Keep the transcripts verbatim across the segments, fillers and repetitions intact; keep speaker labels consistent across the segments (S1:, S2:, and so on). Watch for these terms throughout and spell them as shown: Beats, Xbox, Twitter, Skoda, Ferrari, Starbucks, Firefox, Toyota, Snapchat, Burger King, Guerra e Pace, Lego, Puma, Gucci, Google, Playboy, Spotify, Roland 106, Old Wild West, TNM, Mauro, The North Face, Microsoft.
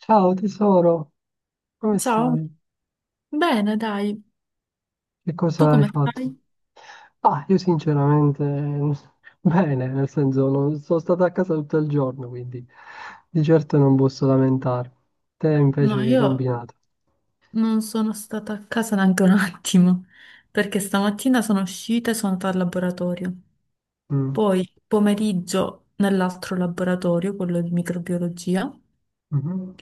S1: Ciao tesoro, come
S2: Ciao,
S1: stai?
S2: bene, dai,
S1: Che
S2: tu
S1: cosa hai
S2: come
S1: fatto?
S2: stai?
S1: Ah, io sinceramente bene, nel senso non, sono stato a casa tutto il giorno, quindi di certo non posso lamentarmi. Te invece
S2: No,
S1: che hai
S2: io
S1: combinato?
S2: non sono stata a casa neanche un attimo, perché stamattina sono uscita e sono andata al laboratorio,
S1: Mm,
S2: poi pomeriggio nell'altro laboratorio, quello di microbiologia,
S1: mhm.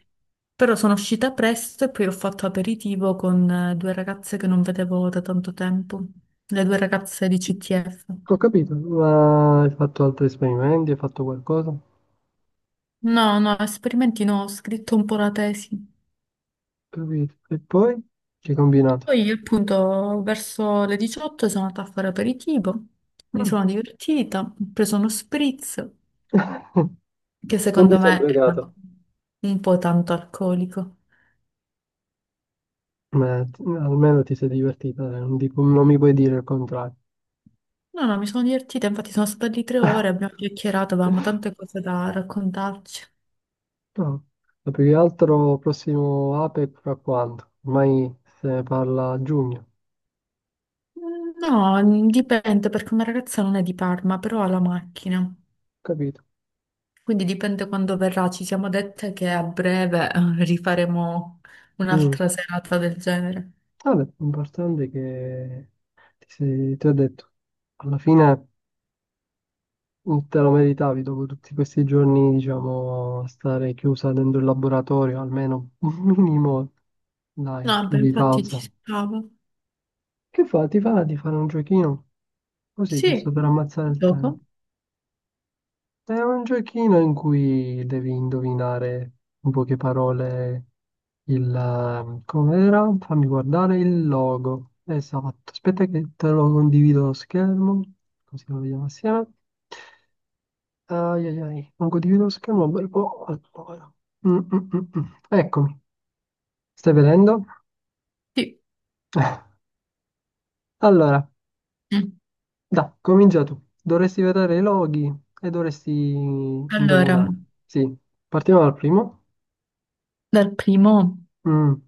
S2: però sono uscita presto e poi ho fatto aperitivo con eh, due ragazze che non vedevo da tanto tempo, le due ragazze di C T F.
S1: Ho capito, ma hai fatto altri esperimenti, hai fatto qualcosa? Ho
S2: No, no, esperimenti no, ho scritto un po' la tesi.
S1: capito. E poi che hai combinato?
S2: Poi appunto verso le diciotto sono andata a fare aperitivo, mi sono
S1: Mm.
S2: divertita, ho preso uno spritz che
S1: Non ti
S2: secondo
S1: sono
S2: me era
S1: pregato,
S2: un po' tanto alcolico.
S1: ma t- almeno ti sei divertita, eh, non dico- non mi puoi dire il contrario.
S2: No, no, mi sono divertita, infatti sono state lì tre ore, abbiamo chiacchierato, avevamo tante cose da raccontarci.
S1: No, ma più che altro prossimo A P E C fra quando? Ormai se ne parla a giugno,
S2: Mm, no, dipende perché una ragazza non è di Parma, però ha la macchina,
S1: capito?
S2: quindi dipende quando verrà. Ci siamo dette che a breve eh, rifaremo
S1: Mm.
S2: un'altra serata del genere.
S1: Vabbè, l'importante è che ti, sei- ti ho detto, alla fine te lo meritavi dopo tutti questi giorni, diciamo, a stare chiusa dentro il laboratorio, almeno un minimo, dai,
S2: No, beh,
S1: di
S2: infatti ci
S1: pausa.
S2: stavo.
S1: Che fa? Ti fa di fare un giochino? Così, giusto
S2: Sì,
S1: per ammazzare il
S2: dopo?
S1: tempo. È un giochino in cui devi indovinare in poche parole il eh, com'era? Fammi guardare il logo. Esatto, aspetta che te lo condivido lo schermo, così lo vediamo assieme. Ai ai ai, non condivido lo schermo un bel po'. Allora. Mm, mm, mm, mm. Eccomi, stai vedendo?
S2: Sì.
S1: Allora,
S2: Mm.
S1: dai, comincia tu. Dovresti vedere i loghi e dovresti
S2: Allora,
S1: indovinare. Sì, partiamo dal primo.
S2: dal primo,
S1: Mm.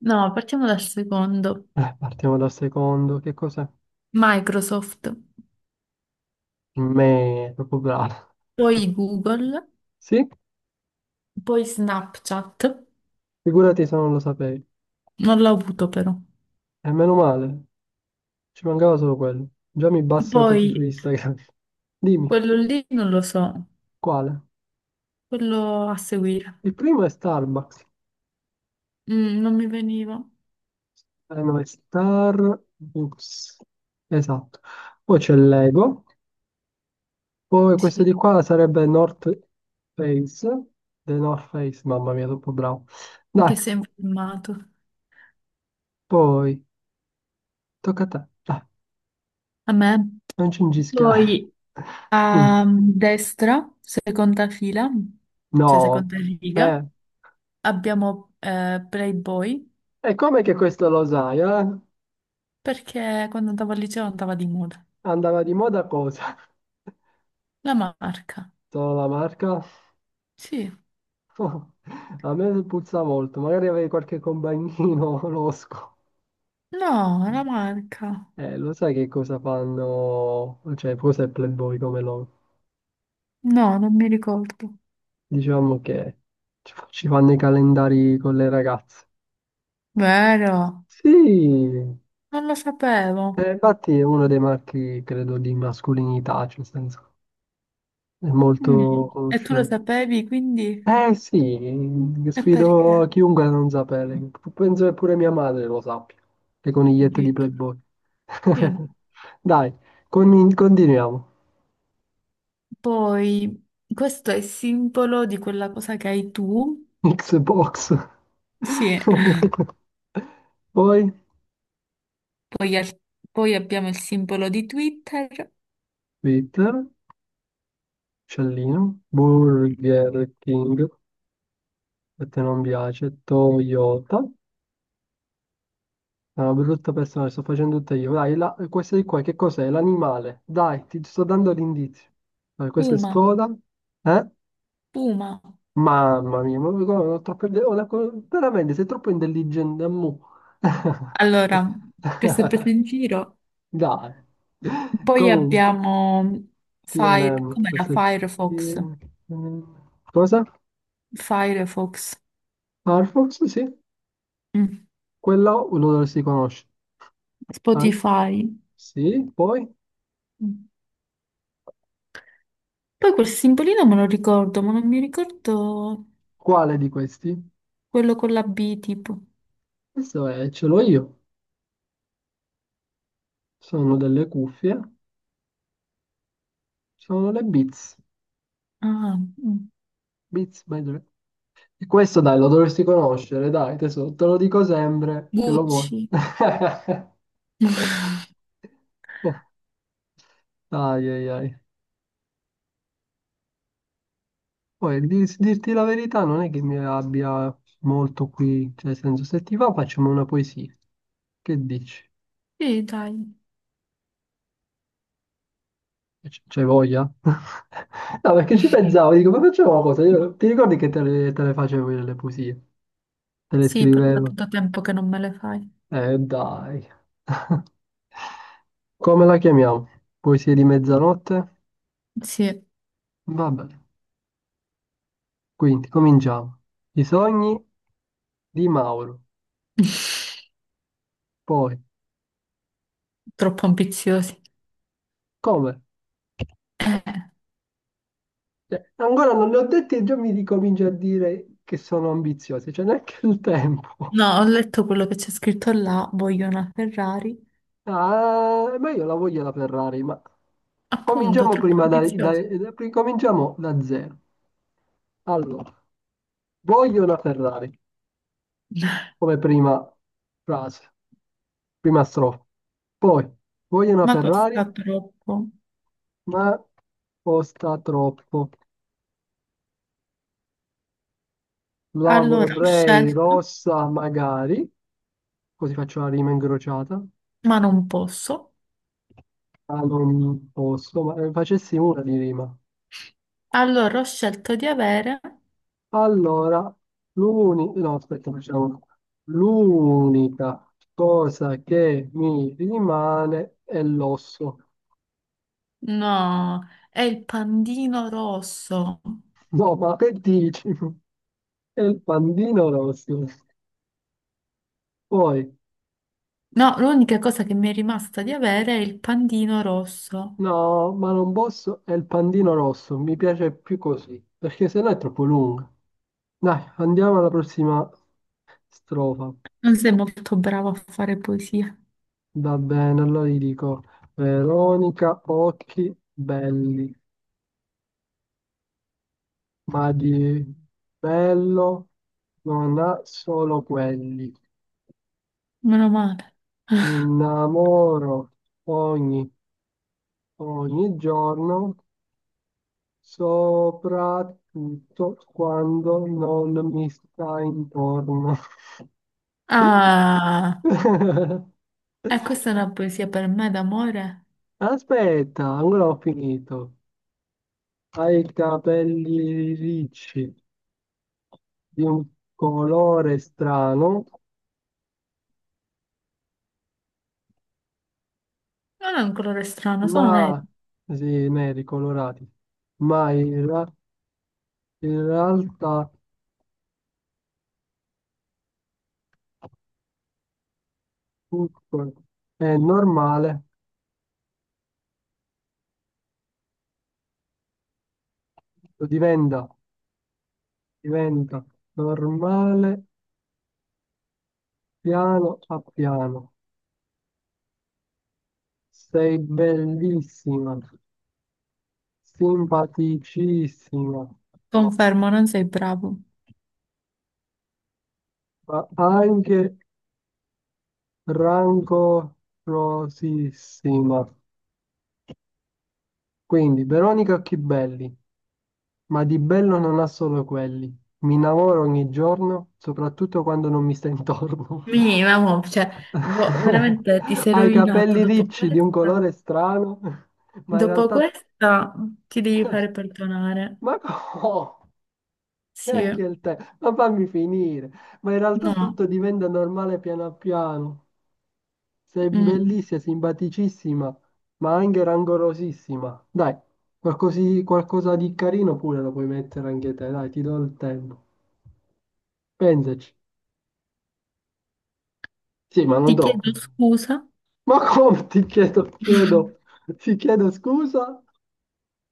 S2: no, partiamo dal secondo.
S1: Eh, partiamo dal secondo. Che cos'è?
S2: Microsoft,
S1: Me, proprio bravo.
S2: poi Google,
S1: Sì?
S2: poi Snapchat.
S1: Figurati se non lo sapevi.
S2: Non l'ho avuto però.
S1: E meno male, ci mancava solo quello. Già mi bassate su
S2: Poi
S1: Instagram. Dimmi,
S2: quello lì non lo so,
S1: quale?
S2: quello a seguire.
S1: Il primo è Starbucks.
S2: Mm, non mi veniva.
S1: Eh, no, è Starbucks. Esatto. Poi c'è Lego. Poi questo
S2: Sì,
S1: di qua sarebbe North Face. The North Face, mamma mia, troppo bravo. Dai,
S2: che sembra filmato.
S1: poi, tocca a te. Dai,
S2: A me.
S1: non cingischiare.
S2: Poi
S1: Mm,
S2: a destra, seconda fila, cioè
S1: no.
S2: seconda
S1: Eh,
S2: riga, abbiamo eh, Playboy.
S1: e come che questo lo sai, eh?
S2: Perché quando andavo al liceo andava di moda.
S1: Andava di moda cosa?
S2: La marca,
S1: Solo la marca?
S2: sì.
S1: A me puzza molto, magari avevi qualche compagnino losco.
S2: No, la marca.
S1: Eh, lo sai che cosa fanno, cioè cos'è Playboy come loro?
S2: No, non mi ricordo.
S1: Diciamo che ci fa- ci fanno i calendari con le ragazze.
S2: Vero?
S1: Sì,
S2: Non lo sapevo.
S1: eh, infatti è uno dei marchi, credo, di mascolinità, cioè nel senso è
S2: Mm.
S1: molto
S2: E tu lo
S1: conosciuto.
S2: sapevi, quindi?
S1: Eh sì,
S2: E perché?
S1: sfido chiunque a non sapere. Penso che pure mia madre lo sappia, le conigliette di
S2: Addirittura.
S1: Playboy.
S2: Io no.
S1: Dai, con- continuiamo.
S2: Poi, questo è il simbolo di quella cosa che hai tu.
S1: Xbox.
S2: Sì.
S1: Poi
S2: Poi, al- poi abbiamo il simbolo di Twitter.
S1: Twitter, Cellino, Burger King, a te non piace, Toyota. È una brutta persona, sto facendo tutte io. Dai, la, questa di qua, che cos'è? L'animale. Dai, ti sto dando l'indizio. Dai, questa è
S2: Puma,
S1: Skoda. Eh?
S2: Puma.
S1: Mamma mia, ma guarda, ho troppe ide- ho una co- veramente sei troppo intelligente, ammu.
S2: Allora, questo è preso in giro.
S1: Dai.
S2: Poi
S1: Comunque,
S2: abbiamo Fire,
S1: T N M,
S2: com'era?
S1: questo è
S2: Firefox.
S1: T N M. Cosa?
S2: Firefox.
S1: Firefox, sì.
S2: Mm.
S1: Quella lo dovresti conoscere. Ah,
S2: Spotify.
S1: sì, poi?
S2: Mm. Poi quel simbolino me lo ricordo, ma non mi ricordo
S1: Quale di questi?
S2: quello con la B tipo.
S1: Questo è, ce l'ho io. Sono delle cuffie, sono le Beats.
S2: Ah, mm.
S1: Beats by Dre. Questo dai, lo dovresti conoscere, dai, tesoro, te lo dico sempre che lo vuoi.
S2: Gucci.
S1: Ai ai ai. Poi di- dirti la verità non è che mi abbia molto qui, cioè nel senso se ti va facciamo una poesia. Che dici?
S2: Sì, dai.
S1: C- C'hai voglia? No, perché ci pensavo, dico, ma facciamo una cosa, io- ti ricordi che te le, te le facevo io le poesie? Te le
S2: Sì, però da
S1: scrivevo.
S2: tanto tempo che non me le fai.
S1: Eh, dai. Come la chiamiamo? Poesia di mezzanotte?
S2: Sì.
S1: Vabbè, quindi cominciamo. I sogni di Mauro. Poi,
S2: Troppo ambiziosi.
S1: come?
S2: Eh.
S1: Cioè, ancora non ne ho detti e già mi ricomincio a dire che sono ambiziosi, c'è neanche il tempo.
S2: No, ho letto quello che c'è scritto là, voglio una Ferrari.
S1: Ah, ma io la voglio la Ferrari, ma
S2: Appunto,
S1: cominciamo
S2: troppo
S1: prima da, da-
S2: ambizioso.
S1: da- cominciamo da zero. Allora, voglio una Ferrari. Come prima frase, prima strofa. Poi, voglio una
S2: Ma
S1: Ferrari,
S2: costa troppo.
S1: ma costa troppo. La
S2: Allora ho
S1: vorrei
S2: scelto,
S1: rossa magari, così faccio la rima incrociata.
S2: ma non posso.
S1: Ma non posso, ma ne facessi una di rima.
S2: Allora ho scelto di avere.
S1: Allora, l'uni... no, aspetta, facciamo una. L'unica cosa che mi rimane è l'osso.
S2: No, è il pandino rosso.
S1: No, ma che dici? È il pandino rosso. Poi,
S2: No, l'unica cosa che mi è rimasta di avere è il pandino rosso.
S1: no, ma non posso, è il pandino rosso, mi piace più così, perché sennò è troppo lunga. Dai, andiamo alla prossima strofa.
S2: Non sei molto bravo a fare poesia.
S1: Va bene, allora gli dico, Veronica, occhi belli, ma di bello non ha solo quelli.
S2: Meno male.
S1: Mi innamoro ogni, ogni giorno soprattutto quando non mi sta intorno.
S2: Ah, e questa è una poesia per me d'amore?
S1: Aspetta, ancora ho finito. Ha i capelli ricci di un colore strano,
S2: Non è un colore strano, sono nero.
S1: ma sì, neri colorati, ma in, ra- in realtà tutto è normale, diventa, diventa normale piano a piano. Sei bellissima, simpaticissima,
S2: Confermo, non sei bravo.
S1: ma anche rancorosissima. Quindi, Veronica Chibelli, ma di bello non ha solo quelli. Mi innamoro ogni giorno, soprattutto quando non mi stai intorno.
S2: Mi, mamma, cioè, boh, veramente ti sei
S1: Ha i
S2: rovinato.
S1: capelli
S2: Dopo
S1: ricci di un
S2: questa,
S1: colore strano, ma in
S2: dopo
S1: realtà...
S2: questa ti devi fare perdonare.
S1: Ma come? E
S2: Sì,
S1: anche il tè, ma fammi finire. Ma in realtà
S2: no.
S1: tutto diventa normale piano piano. Sei
S2: Mm.
S1: bellissima, simpaticissima, ma anche rangorosissima. Dai, qualcosi- qualcosa di carino pure lo puoi mettere anche te, dai, ti do il tempo. Pensaci. Sì, ma
S2: Ti
S1: non troppo.
S2: chiedo scusa
S1: Ma come ti chiedo, chiedo, ti chiedo scusa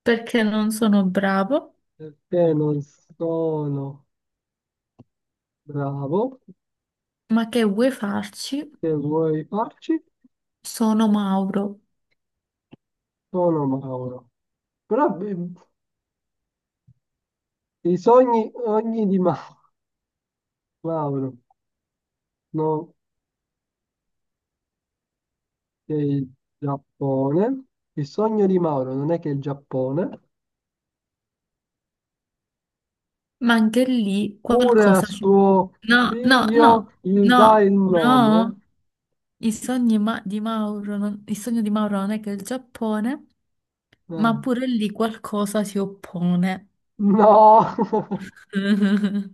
S2: perché non sono bravo,
S1: perché non sono bravo.
S2: ma che vuoi farci?
S1: Che vuoi farci?
S2: Sono Mauro.
S1: Sono Mauro. Però eh, I sogni, ogni di Ma- Mauro, no, che il Giappone, il sogno di Mauro non è che il Giappone,
S2: Ma anche lì
S1: pure a
S2: qualcosa si...
S1: suo
S2: No, no,
S1: figlio
S2: no,
S1: gli dà il
S2: no,
S1: nome.
S2: no. I sogni ma- di Mauro, non- il sogno di Mauro non è che il Giappone, ma
S1: Eh,
S2: pure lì qualcosa si oppone.
S1: No,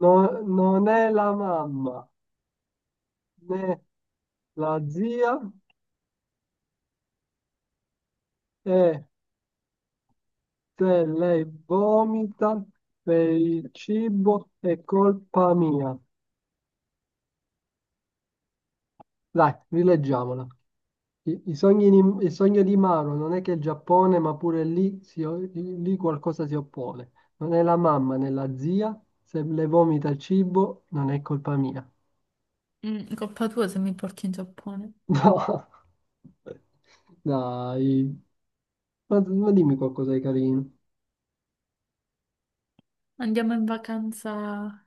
S1: no, non è la mamma, né la zia, e se lei vomita per il cibo è colpa mia. Dai, rileggiamola. I, i sogni di- il sogno di Maro non è che il Giappone, ma pure lì, si o- lì qualcosa si oppone. Non è la mamma né la zia, se le vomita il cibo non è colpa mia.
S2: Mm, colpa tua se mi porti in Giappone.
S1: No, dai, ma, ma dimmi qualcosa di carino.
S2: Andiamo in vacanza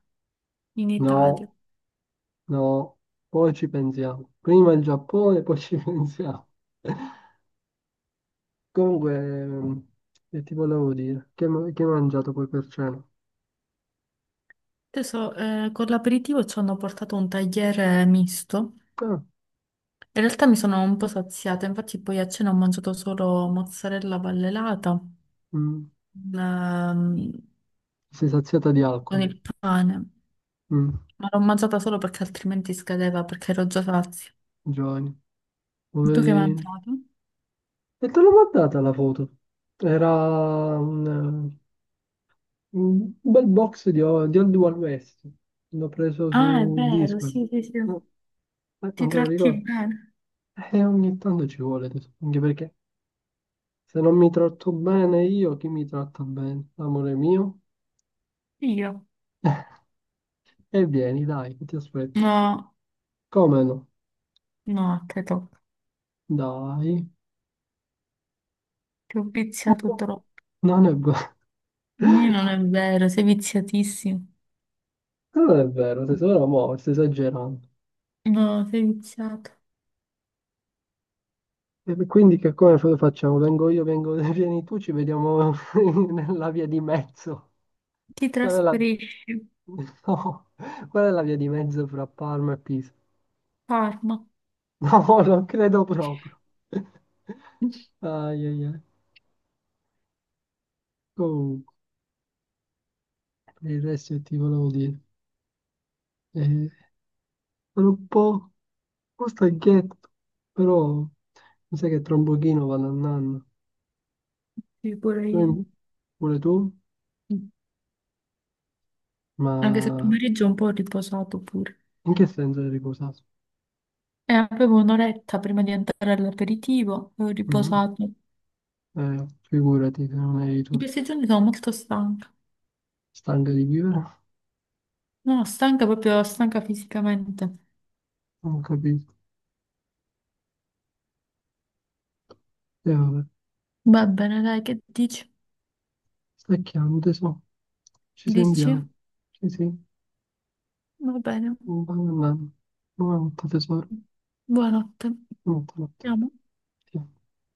S2: in Italia.
S1: No, no, poi ci pensiamo. Prima il Giappone, poi ci pensiamo. Comunque, ehm, che ti volevo dire? Che, ma- che hai mangiato poi per cena?
S2: Adesso eh, con l'aperitivo ci hanno portato un tagliere misto.
S1: Ah,
S2: In realtà mi sono un po' saziata, infatti poi a cena ho mangiato solo mozzarella vallelata
S1: mm,
S2: ehm,
S1: sei saziata di
S2: con
S1: alcol.
S2: il pane,
S1: Mm.
S2: ma l'ho mangiata solo perché altrimenti scadeva, perché ero già sazia.
S1: Giovanni,
S2: Tu che hai
S1: poverino.
S2: mangiato?
S1: E te l'ho mandata la foto. Era un, eh, un bel box di, o- di Old Wild West. L'ho preso
S2: Ah, è
S1: su
S2: vero,
S1: Discord.
S2: sì, sì, sì.
S1: No, eh,
S2: Ti
S1: non te lo
S2: tratti
S1: ricordo.
S2: bene.
S1: E ogni tanto ci vuole, tesoro, anche perché se non mi tratto bene io, chi mi tratta bene? Amore mio?
S2: Io?
S1: E vieni, dai, che ti aspetto.
S2: No,
S1: Come no?
S2: no, credo.
S1: Dai.
S2: Ti ho
S1: No,
S2: viziato troppo.
S1: non è vero.
S2: Nì, non è vero, sei viziatissimo.
S1: Non è vero, tesoro, mo, stai esagerando.
S2: No, sei viziato.
S1: E quindi che come lo facciamo? Vengo io, vengo, vieni tu, ci vediamo nella via di mezzo.
S2: Ti
S1: Qual è la...
S2: trasferisci, a
S1: No, qual è la via di mezzo fra Parma e Pisa?
S2: Parma.
S1: No, non credo proprio. Ai, ai, ai. Comunque, per il resto che ti volevo dire. Eh, sono un po', un po' stanchetto, però mi sa che tra un pochino vado a nanna.
S2: Sì, pure
S1: Tu,
S2: io.
S1: pure tu?
S2: Anche se il
S1: Ma
S2: pomeriggio è un po' riposato pure.
S1: in che senso eri riposato?
S2: E avevo un'oretta prima di entrare all'aperitivo e ho
S1: Mhm.
S2: riposato.
S1: Eh, figurati se non eri
S2: In
S1: tu,
S2: questi giorni sono molto stanca.
S1: stanca di vivere,
S2: No, stanca proprio, stanca fisicamente.
S1: non capisco. E vabbè,
S2: Va bene, dai, che dici?
S1: stacchiamo tesoro, ci
S2: Dici?
S1: sentiamo. Sì, sì,
S2: Va bene.
S1: buona annata. Buonanotte tesoro,
S2: Buonanotte.
S1: buonanotte.
S2: Andiamo.
S1: Ti